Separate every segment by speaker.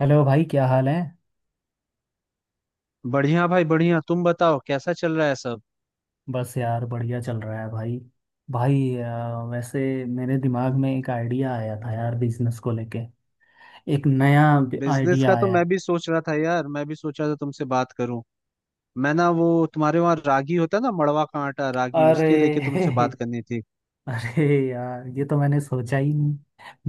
Speaker 1: Hello भाई, क्या हाल है।
Speaker 2: बढ़िया भाई बढ़िया, तुम बताओ कैसा चल रहा है सब।
Speaker 1: बस यार, बढ़िया चल रहा है भाई। भाई वैसे मेरे दिमाग में एक आइडिया आया था यार, बिजनेस को लेके। एक नया
Speaker 2: बिजनेस का
Speaker 1: आइडिया
Speaker 2: तो
Speaker 1: आया
Speaker 2: मैं
Speaker 1: है।
Speaker 2: भी सोच रहा था यार, मैं भी सोचा था तुमसे बात करूं। मैं ना वो तुम्हारे वहाँ रागी होता है ना, मड़वा का आटा, रागी,
Speaker 1: अरे
Speaker 2: उसके लेके तुमसे बात करनी थी।
Speaker 1: अरे यार, ये तो मैंने सोचा ही नहीं।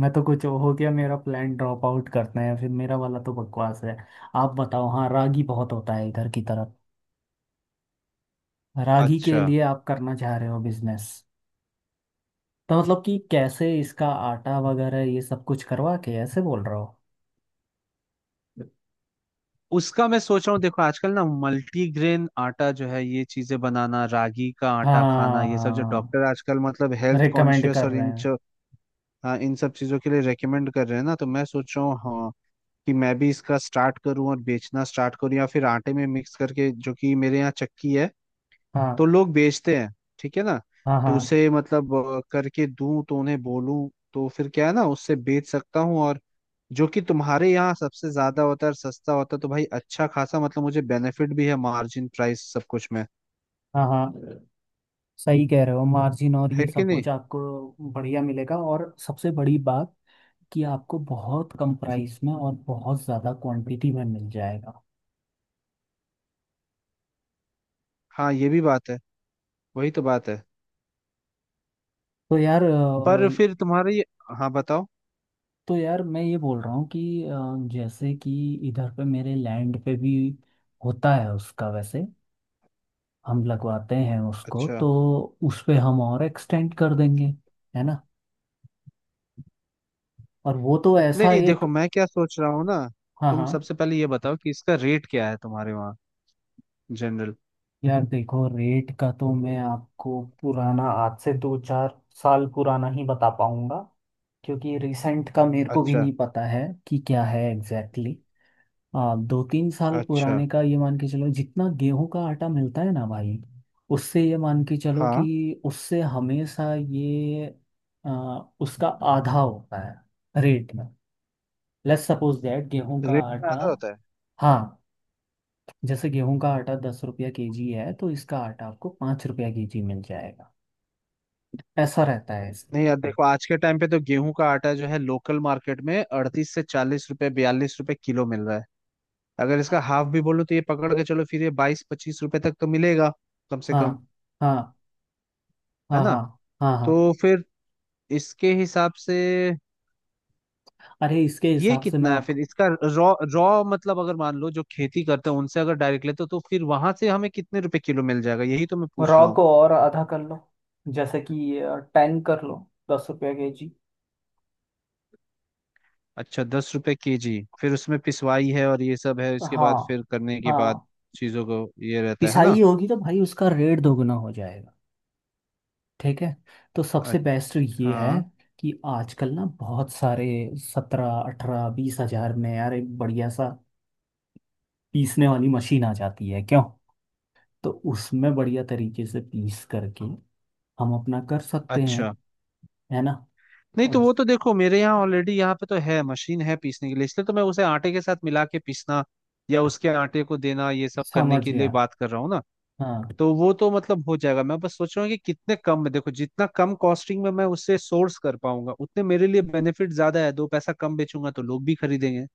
Speaker 1: मैं तो कुछ हो गया, मेरा प्लान ड्रॉप आउट करते हैं, फिर मेरा वाला तो बकवास है। आप बताओ। हाँ, रागी बहुत होता है इधर की तरफ। रागी के
Speaker 2: अच्छा।
Speaker 1: लिए आप करना चाह रहे हो बिजनेस? तो मतलब कि कैसे इसका आटा वगैरह ये सब कुछ करवा के ऐसे बोल रहे हो?
Speaker 2: उसका मैं सोच रहा हूँ, देखो आजकल ना मल्टीग्रेन आटा जो है, ये चीजें बनाना, रागी का आटा खाना, ये सब जो
Speaker 1: हाँ,
Speaker 2: डॉक्टर आजकल मतलब हेल्थ
Speaker 1: रिकमेंड
Speaker 2: कॉन्शियस
Speaker 1: कर
Speaker 2: और
Speaker 1: रहे हैं।
Speaker 2: हाँ, इन सब चीजों के लिए रेकमेंड कर रहे हैं ना, तो मैं सोच रहा हूँ हाँ कि मैं भी इसका स्टार्ट करूँ और बेचना स्टार्ट करूँ, या फिर आटे में मिक्स करके, जो कि मेरे यहाँ चक्की है
Speaker 1: हाँ।
Speaker 2: तो लोग बेचते हैं। ठीक है ना,
Speaker 1: हाँ
Speaker 2: तो
Speaker 1: हाँ।
Speaker 2: उसे मतलब करके दूं, तो उन्हें बोलूं तो फिर क्या है ना, उससे बेच सकता हूँ। और जो कि तुम्हारे यहाँ सबसे ज्यादा होता है और सस्ता होता है, तो भाई अच्छा खासा मतलब मुझे बेनिफिट भी है, मार्जिन, प्राइस सब कुछ में
Speaker 1: हाँ हाँ। सही कह रहे हो, मार्जिन और
Speaker 2: है
Speaker 1: ये
Speaker 2: कि
Speaker 1: सब
Speaker 2: नहीं।
Speaker 1: कुछ आपको बढ़िया मिलेगा। और सबसे बड़ी बात कि आपको बहुत कम प्राइस में और बहुत ज़्यादा क्वांटिटी में मिल जाएगा।
Speaker 2: हाँ, ये भी बात है, वही तो बात है।
Speaker 1: तो यार
Speaker 2: पर फिर तुम्हारे ये, हाँ बताओ।
Speaker 1: तो यार मैं ये बोल रहा हूँ कि जैसे कि इधर पे मेरे लैंड पे भी होता है उसका। वैसे हम लगवाते हैं उसको,
Speaker 2: अच्छा।
Speaker 1: तो उस पे हम और एक्सटेंड कर देंगे, है ना। और वो तो ऐसा
Speaker 2: नहीं
Speaker 1: एक।
Speaker 2: देखो मैं क्या सोच रहा हूँ ना,
Speaker 1: हाँ
Speaker 2: तुम
Speaker 1: हाँ।
Speaker 2: सबसे पहले ये बताओ कि इसका रेट क्या है तुम्हारे वहाँ, जनरल।
Speaker 1: यार देखो, रेट का तो मैं आपको पुराना, आज से दो चार साल पुराना ही बता पाऊंगा, क्योंकि रिसेंट का मेरे को भी
Speaker 2: अच्छा।
Speaker 1: नहीं पता है कि क्या है एग्जैक्टली। हाँ, दो तीन साल
Speaker 2: अच्छा।
Speaker 1: पुराने का ये मान के चलो, जितना गेहूं का आटा मिलता है ना भाई, उससे ये मान के चलो
Speaker 2: हाँ।
Speaker 1: कि उससे हमेशा ये उसका आधा होता है रेट में। लेट्स सपोज दैट गेहूं का
Speaker 2: रेट में
Speaker 1: आटा।
Speaker 2: आधा होता है।
Speaker 1: हाँ, जैसे गेहूं का आटा 10 रुपया केजी है, तो इसका आटा आपको 5 रुपया केजी मिल जाएगा। ऐसा रहता है
Speaker 2: नहीं यार
Speaker 1: इसमें।
Speaker 2: देखो, आज के टाइम पे तो गेहूं का आटा जो है लोकल मार्केट में 38 से 40 रुपए, 42 रुपए किलो मिल रहा है। अगर इसका हाफ भी बोलो तो ये पकड़ के चलो फिर, ये 22, 25 रुपए तक तो मिलेगा कम से कम।
Speaker 1: हाँ। हाँ
Speaker 2: है
Speaker 1: हाँ।
Speaker 2: ना।
Speaker 1: हाँ हाँ।
Speaker 2: तो
Speaker 1: हाँ।
Speaker 2: फिर इसके हिसाब से
Speaker 1: अरे, इसके
Speaker 2: ये
Speaker 1: हिसाब से मैं
Speaker 2: कितना है
Speaker 1: आप।
Speaker 2: फिर इसका, रॉ, रॉ मतलब, अगर मान लो जो खेती करते हैं उनसे अगर डायरेक्ट लेते हो तो फिर वहां से हमें कितने रुपए किलो मिल जाएगा, यही तो मैं पूछ
Speaker 1: रॉ
Speaker 2: रहा हूँ।
Speaker 1: को और आधा कर लो, जैसे कि टेन कर लो, 10 रुपया केजी।
Speaker 2: अच्छा, 10 रुपए केजी। फिर उसमें पिसवाई है और ये सब है, इसके बाद
Speaker 1: हाँ
Speaker 2: फिर करने के बाद
Speaker 1: हाँ।
Speaker 2: चीजों को ये रहता है ना।
Speaker 1: पिसाई होगी तो भाई उसका रेट दोगुना हो जाएगा। ठीक है, तो सबसे बेस्ट ये है
Speaker 2: अच्छा।
Speaker 1: कि आजकल ना बहुत सारे 17-18-20 हज़ार में यार एक बढ़िया सा पीसने वाली मशीन आ जाती है, क्यों। तो उसमें बढ़िया तरीके से पीस करके हम अपना कर सकते हैं,
Speaker 2: अच्छा।
Speaker 1: है ना।
Speaker 2: नहीं तो
Speaker 1: और
Speaker 2: वो तो देखो मेरे यहाँ ऑलरेडी यहाँ पे तो है, मशीन है पीसने के लिए, इसलिए तो मैं उसे आटे के साथ मिला के पीसना या उसके आटे को देना, ये सब करने
Speaker 1: समझ
Speaker 2: के लिए
Speaker 1: गया।
Speaker 2: बात कर रहा हूँ ना।
Speaker 1: हाँ
Speaker 2: तो वो तो मतलब हो जाएगा, मैं बस सोच रहा हूँ कि कितने कम में, देखो जितना कम कॉस्टिंग में मैं उससे सोर्स कर पाऊंगा उतने मेरे लिए बेनिफिट ज्यादा है, दो पैसा कम बेचूंगा तो लोग भी खरीदेंगे।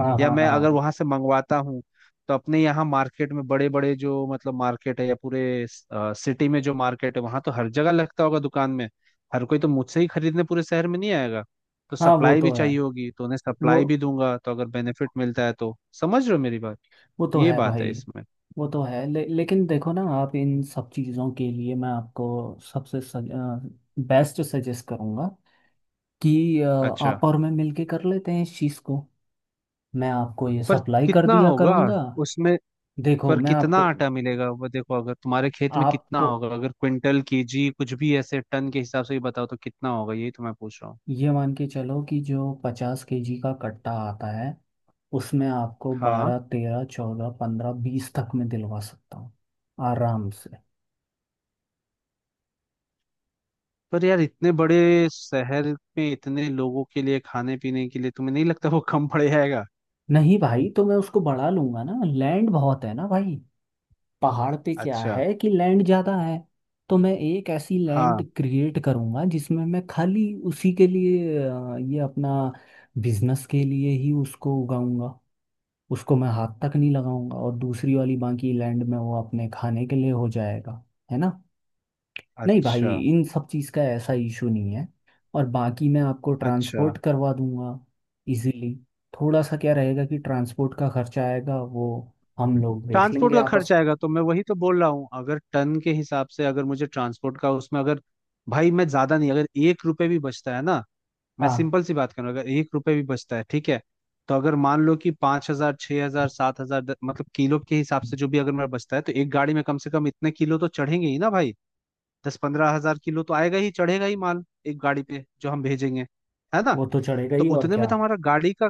Speaker 1: हाँ।
Speaker 2: या
Speaker 1: हाँ
Speaker 2: मैं
Speaker 1: हाँ।
Speaker 2: अगर वहां से मंगवाता हूँ, तो अपने यहाँ मार्केट में बड़े बड़े जो मतलब मार्केट है, या पूरे सिटी में जो मार्केट है वहां तो हर जगह लगता होगा दुकान में। हर कोई तो मुझसे ही खरीदने पूरे शहर में नहीं आएगा, तो
Speaker 1: हाँ, वो
Speaker 2: सप्लाई भी
Speaker 1: तो है,
Speaker 2: चाहिए होगी, तो उन्हें
Speaker 1: वो
Speaker 2: सप्लाई भी दूंगा, तो अगर बेनिफिट मिलता है तो। समझ रहे हो मेरी बात,
Speaker 1: वो तो
Speaker 2: ये
Speaker 1: है
Speaker 2: बात है
Speaker 1: भाई,
Speaker 2: इसमें।
Speaker 1: वो तो है। लेकिन देखो ना, आप इन सब चीज़ों के लिए मैं आपको सबसे बेस्ट सजेस्ट करूँगा कि
Speaker 2: अच्छा,
Speaker 1: आप और मैं मिलके कर लेते हैं इस चीज़ को। मैं आपको ये
Speaker 2: पर
Speaker 1: सप्लाई कर
Speaker 2: कितना
Speaker 1: दिया
Speaker 2: होगा
Speaker 1: करूँगा।
Speaker 2: उसमें?
Speaker 1: देखो
Speaker 2: पर
Speaker 1: मैं
Speaker 2: कितना
Speaker 1: आपको।
Speaker 2: आटा मिलेगा वो देखो, अगर तुम्हारे खेत में कितना
Speaker 1: आपको
Speaker 2: होगा, अगर क्विंटल, केजी, कुछ भी ऐसे टन के हिसाब से ही बताओ तो कितना होगा, यही तो मैं पूछ रहा हूँ।
Speaker 1: ये मान के चलो कि जो 50 केजी का कट्टा आता है, उसमें आपको
Speaker 2: हाँ।
Speaker 1: 12-13-14-15-20 तक में दिलवा सकता हूँ, आराम से।
Speaker 2: पर यार इतने बड़े शहर में इतने लोगों के लिए, खाने पीने के लिए, तुम्हें नहीं लगता वो कम पड़ जाएगा?
Speaker 1: नहीं भाई, तो मैं उसको बढ़ा लूंगा ना, लैंड बहुत है ना भाई। पहाड़ पे क्या
Speaker 2: अच्छा।
Speaker 1: है कि लैंड ज्यादा है। तो मैं एक ऐसी लैंड
Speaker 2: हाँ।
Speaker 1: क्रिएट करूंगा जिसमें मैं खाली उसी के लिए, ये अपना बिजनेस के लिए ही उसको उगाऊंगा। उसको मैं हाथ तक नहीं लगाऊंगा, और दूसरी वाली बाकी लैंड में वो अपने खाने के लिए हो जाएगा, है ना। नहीं भाई,
Speaker 2: अच्छा।
Speaker 1: इन सब चीज़ का ऐसा इशू नहीं है। और बाकी मैं आपको
Speaker 2: अच्छा।
Speaker 1: ट्रांसपोर्ट करवा दूंगा, इजीली। थोड़ा सा क्या रहेगा कि ट्रांसपोर्ट का खर्चा आएगा, वो हम लोग देख
Speaker 2: ट्रांसपोर्ट
Speaker 1: लेंगे
Speaker 2: का खर्च
Speaker 1: आपस।
Speaker 2: आएगा तो मैं वही तो बोल रहा हूँ, अगर टन के हिसाब से अगर मुझे ट्रांसपोर्ट का उसमें अगर, भाई मैं ज्यादा नहीं, अगर 1 रुपए भी बचता है ना, मैं
Speaker 1: हाँ,
Speaker 2: सिंपल सी बात कर रहा हूँ, अगर एक रुपए भी बचता है ठीक है। तो अगर मान लो कि 5,000, 6,000, 7,000 मतलब किलो के हिसाब से जो भी अगर मेरा बचता है, तो एक गाड़ी में कम से कम इतने किलो तो चढ़ेंगे ही ना भाई। 10-15 हज़ार किलो तो आएगा ही, चढ़ेगा ही माल एक गाड़ी पे जो हम भेजेंगे। है ना।
Speaker 1: वो तो चढ़ेगा
Speaker 2: तो
Speaker 1: ही, और
Speaker 2: उतने
Speaker 1: क्या।
Speaker 2: में तो हमारा गाड़ी का,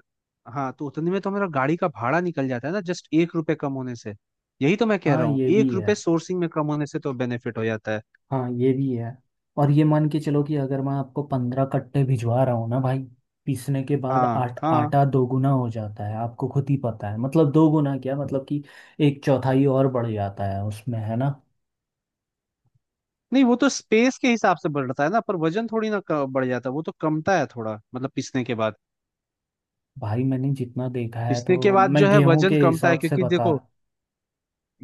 Speaker 2: हाँ तो उतने में तो हमारा गाड़ी का भाड़ा निकल जाता है ना, जस्ट 1 रुपए कम होने से। यही तो मैं कह
Speaker 1: हाँ
Speaker 2: रहा हूँ,
Speaker 1: ये भी
Speaker 2: एक
Speaker 1: है।
Speaker 2: रुपए सोर्सिंग में कम होने से तो बेनिफिट हो जाता है।
Speaker 1: हाँ ये भी है। और ये मान के चलो कि अगर मैं आपको 15 कट्टे भिजवा रहा हूँ ना भाई, पीसने के बाद
Speaker 2: हाँ
Speaker 1: आट
Speaker 2: हाँ।
Speaker 1: आटा दोगुना हो जाता है, आपको खुद ही पता है। मतलब दोगुना क्या, मतलब कि एक चौथाई और बढ़ जाता है उसमें, है ना।
Speaker 2: नहीं वो तो स्पेस के हिसाब से बढ़ता है ना, पर वजन थोड़ी ना बढ़ जाता, वो तो कमता है थोड़ा, मतलब पिसने के बाद।
Speaker 1: भाई मैंने जितना देखा है,
Speaker 2: पिसने के
Speaker 1: तो
Speaker 2: बाद
Speaker 1: मैं
Speaker 2: जो है
Speaker 1: गेहूं
Speaker 2: वजन
Speaker 1: के
Speaker 2: कमता है,
Speaker 1: हिसाब से
Speaker 2: क्योंकि
Speaker 1: बता
Speaker 2: देखो,
Speaker 1: रहा।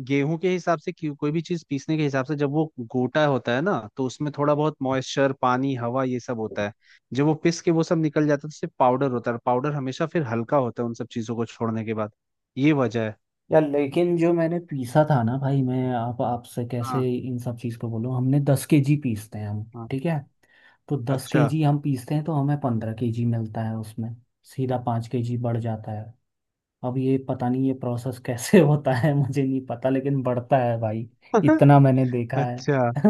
Speaker 2: गेहूं के हिसाब से कोई भी चीज पीसने के हिसाब से, जब वो गोटा होता है ना तो उसमें थोड़ा बहुत मॉइस्चर, पानी, हवा ये सब होता है। जब वो पिस के वो सब निकल जाता है तो सिर्फ पाउडर होता है, पाउडर हमेशा फिर हल्का होता है उन सब चीजों को छोड़ने के बाद। ये वजह है।
Speaker 1: यार लेकिन जो मैंने पीसा था ना भाई, मैं आप आपसे कैसे
Speaker 2: हाँ।
Speaker 1: इन सब चीज़ को बोलूं, हमने 10 केजी पीसते हैं हम।
Speaker 2: हाँ।
Speaker 1: ठीक है, तो दस
Speaker 2: अच्छा।
Speaker 1: केजी हम पीसते हैं तो हमें 15 केजी मिलता है उसमें, सीधा 5 केजी बढ़ जाता है। अब ये पता नहीं ये प्रोसेस कैसे होता है, मुझे नहीं पता, लेकिन बढ़ता है भाई, इतना मैंने देखा है।
Speaker 2: अच्छा,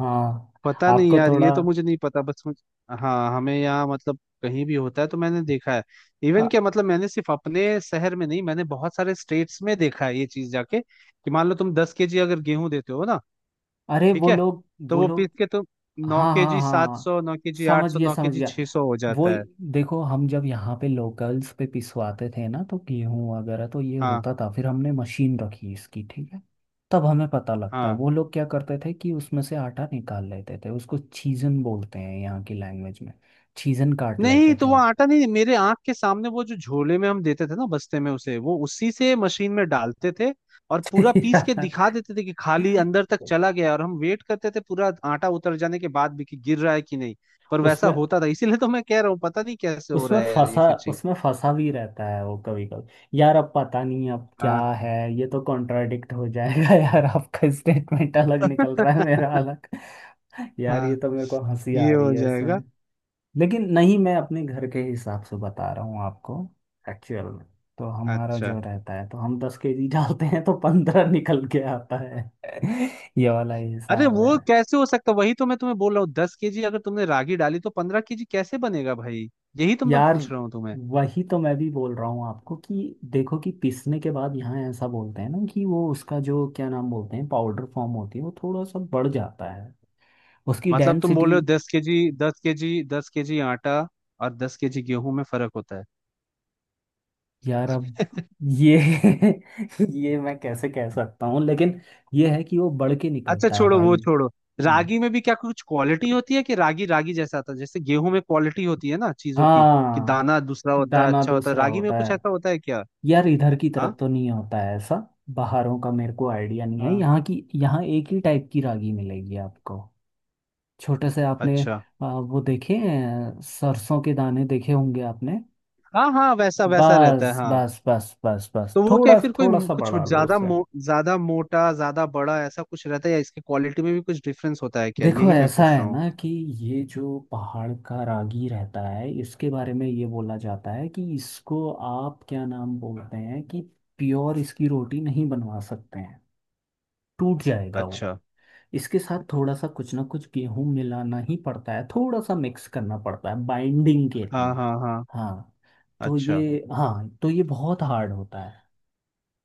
Speaker 1: हाँ,
Speaker 2: पता नहीं
Speaker 1: आपको
Speaker 2: यार
Speaker 1: थोड़ा।
Speaker 2: ये तो मुझे नहीं पता, बस मुझे। हाँ, हमें यहाँ मतलब कहीं भी होता है तो मैंने देखा है। इवन
Speaker 1: हाँ,
Speaker 2: क्या मतलब, मैंने सिर्फ अपने शहर में नहीं, मैंने बहुत सारे स्टेट्स में देखा है ये चीज जाके, कि मान लो तुम 10 केजी अगर गेहूं देते हो ना,
Speaker 1: अरे
Speaker 2: ठीक
Speaker 1: वो
Speaker 2: है,
Speaker 1: लोग।
Speaker 2: तो
Speaker 1: वो
Speaker 2: वो पीस
Speaker 1: लोग।
Speaker 2: के तो नौ
Speaker 1: हाँ
Speaker 2: के
Speaker 1: हाँ
Speaker 2: जी सात
Speaker 1: हाँ,
Speaker 2: सौ नौ के जी आठ
Speaker 1: समझ
Speaker 2: सौ
Speaker 1: गया
Speaker 2: नौ के
Speaker 1: समझ
Speaker 2: जी
Speaker 1: गया।
Speaker 2: छह सौ हो
Speaker 1: वो
Speaker 2: जाता है।
Speaker 1: देखो, हम जब यहाँ पे लोकल्स पे पिसवाते थे ना, तो गेहूं वगैरह तो ये
Speaker 2: हाँ
Speaker 1: होता था, फिर हमने मशीन रखी इसकी, ठीक है। तब हमें पता लगता है,
Speaker 2: हाँ।
Speaker 1: वो लोग क्या करते थे कि उसमें से आटा निकाल लेते थे, उसको छीजन बोलते हैं यहाँ की लैंग्वेज में। छीजन काट
Speaker 2: नहीं
Speaker 1: लेते
Speaker 2: तो
Speaker 1: थे
Speaker 2: वो
Speaker 1: वो।
Speaker 2: आटा नहीं, मेरे आंख के सामने वो जो झोले में हम देते थे ना, बस्ते में, उसे वो उसी से मशीन में डालते थे और पूरा पीस के
Speaker 1: यार
Speaker 2: दिखा देते थे कि खाली अंदर तक चला गया, और हम वेट करते थे पूरा आटा उतर जाने के बाद भी कि गिर रहा है कि नहीं। पर वैसा
Speaker 1: उसमें,
Speaker 2: होता था, इसीलिए तो मैं कह रहा हूँ पता नहीं कैसे हो रहा है यार ये फिर चीज।
Speaker 1: उसमें फंसा भी रहता है वो कभी कभी यार, अब पता नहीं अब क्या
Speaker 2: हाँ।
Speaker 1: है। ये तो कॉन्ट्राडिक्ट हो जाएगा यार, आपका स्टेटमेंट अलग निकल रहा है, मेरा अलग। यार ये
Speaker 2: हाँ
Speaker 1: तो मेरे को हंसी आ
Speaker 2: ये
Speaker 1: रही
Speaker 2: हो
Speaker 1: है
Speaker 2: जाएगा।
Speaker 1: इसमें। लेकिन नहीं, मैं अपने घर के हिसाब से बता रहा हूँ आपको, एक्चुअल में। तो हमारा
Speaker 2: अच्छा।
Speaker 1: जो रहता है, तो हम 10 केजी डालते हैं तो 15 निकल के आता है। ये वाला
Speaker 2: अरे
Speaker 1: हिसाब है।
Speaker 2: वो कैसे हो सकता, वही तो मैं तुम्हें बोल रहा हूँ, दस केजी अगर तुमने रागी डाली तो 15 केजी कैसे बनेगा भाई? यही तो मैं
Speaker 1: यार
Speaker 2: पूछ रहा हूँ तुम्हें।
Speaker 1: वही तो मैं भी बोल रहा हूँ आपको कि देखो, कि पीसने के बाद यहाँ ऐसा बोलते हैं ना कि वो उसका जो क्या नाम बोलते हैं, पाउडर फॉर्म होती है, वो थोड़ा सा बढ़ जाता है उसकी
Speaker 2: मतलब तुम बोल
Speaker 1: डेंसिटी।
Speaker 2: रहे हो दस केजी, दस केजी, दस केजी आटा और 10 केजी गेहूं में फर्क होता है?
Speaker 1: यार अब ये ये मैं कैसे कह सकता हूँ, लेकिन ये है कि वो बढ़ के
Speaker 2: अच्छा
Speaker 1: निकलता है
Speaker 2: छोड़ो,
Speaker 1: भाई।
Speaker 2: वो छोड़ो।
Speaker 1: हम्म।
Speaker 2: रागी में भी क्या कुछ क्वालिटी होती है कि रागी, रागी जैसा आता है, जैसे गेहूं में क्वालिटी होती है ना चीजों की, कि
Speaker 1: हाँ,
Speaker 2: दाना दूसरा होता है,
Speaker 1: दाना
Speaker 2: अच्छा होता है,
Speaker 1: दूसरा
Speaker 2: रागी में
Speaker 1: होता
Speaker 2: कुछ
Speaker 1: है?
Speaker 2: ऐसा होता है क्या?
Speaker 1: यार इधर की
Speaker 2: हाँ।
Speaker 1: तरफ तो नहीं होता है ऐसा। बाहरों का मेरे को आइडिया नहीं है,
Speaker 2: हाँ।
Speaker 1: यहाँ की यहाँ एक ही टाइप की रागी मिलेगी आपको। छोटे से आपने,
Speaker 2: अच्छा।
Speaker 1: वो देखे हैं, सरसों के दाने देखे होंगे आपने।
Speaker 2: हाँ हाँ, वैसा वैसा रहता है
Speaker 1: बस
Speaker 2: हाँ।
Speaker 1: बस बस बस बस,
Speaker 2: तो वो क्या
Speaker 1: थोड़ा
Speaker 2: फिर कोई
Speaker 1: थोड़ा सा
Speaker 2: कुछ
Speaker 1: बढ़ा लो
Speaker 2: ज्यादा
Speaker 1: उससे।
Speaker 2: ज्यादा मोटा, ज्यादा बड़ा ऐसा कुछ रहता है, या इसकी क्वालिटी में भी कुछ डिफरेंस होता है क्या,
Speaker 1: देखो
Speaker 2: यही मैं
Speaker 1: ऐसा
Speaker 2: पूछ
Speaker 1: है
Speaker 2: रहा हूँ।
Speaker 1: ना कि ये जो पहाड़ का रागी रहता है, इसके बारे में ये बोला जाता है कि इसको आप क्या नाम बोलते हैं कि प्योर इसकी रोटी नहीं बनवा सकते हैं, टूट जाएगा वो।
Speaker 2: अच्छा।
Speaker 1: इसके साथ थोड़ा सा कुछ ना कुछ गेहूं मिलाना ही पड़ता है, थोड़ा सा मिक्स करना पड़ता है बाइंडिंग के
Speaker 2: हाँ
Speaker 1: लिए।
Speaker 2: हाँ हाँ।
Speaker 1: हाँ, तो
Speaker 2: अच्छा।
Speaker 1: ये। हाँ तो ये बहुत हार्ड होता है।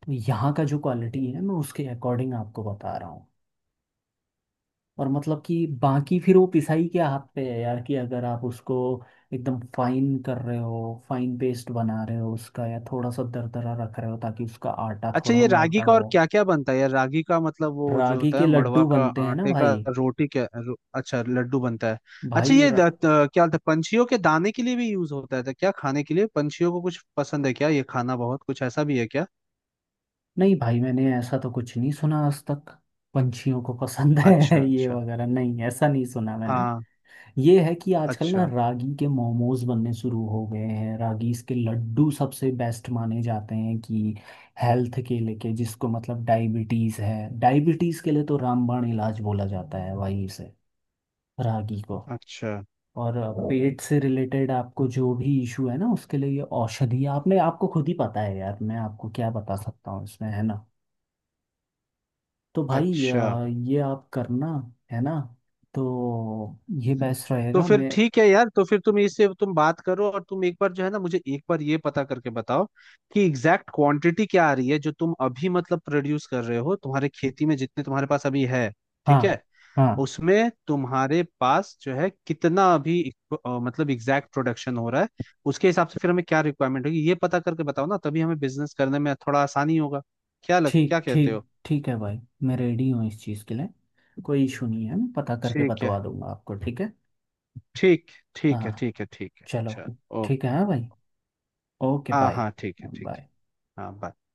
Speaker 1: तो यहाँ का जो क्वालिटी है, मैं उसके अकॉर्डिंग आपको बता रहा हूँ। और मतलब कि बाकी फिर वो पिसाई के हाथ पे है यार, कि अगर आप उसको एकदम फाइन कर रहे हो, फाइन पेस्ट बना रहे हो उसका, या थोड़ा सा दरदरा रख रहे हो ताकि उसका आटा
Speaker 2: अच्छा,
Speaker 1: थोड़ा
Speaker 2: ये रागी
Speaker 1: मोटा
Speaker 2: का और
Speaker 1: हो।
Speaker 2: क्या क्या बनता है यार, रागी का मतलब, वो जो
Speaker 1: रागी
Speaker 2: होता
Speaker 1: के
Speaker 2: है मड़वा
Speaker 1: लड्डू
Speaker 2: का
Speaker 1: बनते हैं ना
Speaker 2: आटे का,
Speaker 1: भाई।
Speaker 2: रोटी क्या अच्छा लड्डू बनता है। अच्छा,
Speaker 1: भाई
Speaker 2: ये क्या होता है, पंछियों के दाने के लिए भी यूज होता है तो क्या खाने के लिए पंछियों को कुछ पसंद है क्या ये खाना, बहुत कुछ ऐसा भी है क्या?
Speaker 1: नहीं भाई, मैंने ऐसा तो कुछ नहीं सुना आज तक। पंछियों को पसंद
Speaker 2: अच्छा
Speaker 1: है ये
Speaker 2: अच्छा।
Speaker 1: वगैरह, नहीं, ऐसा नहीं सुना मैंने।
Speaker 2: हाँ।
Speaker 1: ये है कि आजकल ना
Speaker 2: अच्छा।
Speaker 1: रागी के मोमोज बनने शुरू हो गए हैं, रागी के लड्डू सबसे बेस्ट माने जाते हैं कि हेल्थ के लेके जिसको मतलब डायबिटीज है, डायबिटीज के लिए तो रामबाण इलाज बोला जाता है वहीं से, रागी को।
Speaker 2: अच्छा।
Speaker 1: और पेट से रिलेटेड आपको जो भी इशू है ना, उसके लिए ये औषधि, आपने आपको खुद ही पता है यार, मैं आपको क्या बता सकता हूँ इसमें, है ना। तो भाई
Speaker 2: अच्छा।
Speaker 1: ये आप करना, है ना, तो ये बेस्ट
Speaker 2: तो
Speaker 1: रहेगा
Speaker 2: फिर
Speaker 1: मैं।
Speaker 2: ठीक है यार, तो फिर तुम इससे तुम बात करो, और तुम एक बार जो है ना, मुझे एक बार ये पता करके बताओ कि एग्जैक्ट क्वांटिटी क्या आ रही है जो तुम अभी मतलब प्रोड्यूस कर रहे हो तुम्हारे खेती में, जितने तुम्हारे पास अभी है।
Speaker 1: हाँ
Speaker 2: ठीक है।
Speaker 1: हाँ,
Speaker 2: उसमें तुम्हारे पास जो है कितना अभी मतलब एग्जैक्ट प्रोडक्शन हो रहा है, उसके हिसाब से फिर हमें क्या रिक्वायरमेंट होगी ये पता करके बताओ ना, तभी हमें बिजनेस करने में थोड़ा आसानी होगा। क्या लग,
Speaker 1: ठीक
Speaker 2: क्या कहते
Speaker 1: ठीक
Speaker 2: हो?
Speaker 1: ठीक है भाई। मैं रेडी हूँ इस चीज़ के लिए, कोई इशू नहीं है। मैं पता करके
Speaker 2: ठीक है।
Speaker 1: बतवा दूंगा आपको, ठीक है।
Speaker 2: ठीक, ठीक है,
Speaker 1: हाँ,
Speaker 2: ठीक है, ठीक है
Speaker 1: चलो।
Speaker 2: चल।
Speaker 1: ठीक है
Speaker 2: ओके।
Speaker 1: हाँ भाई, ओके
Speaker 2: हाँ
Speaker 1: बाय।
Speaker 2: हाँ ठीक है ठीक है।
Speaker 1: बाय।
Speaker 2: हाँ bye।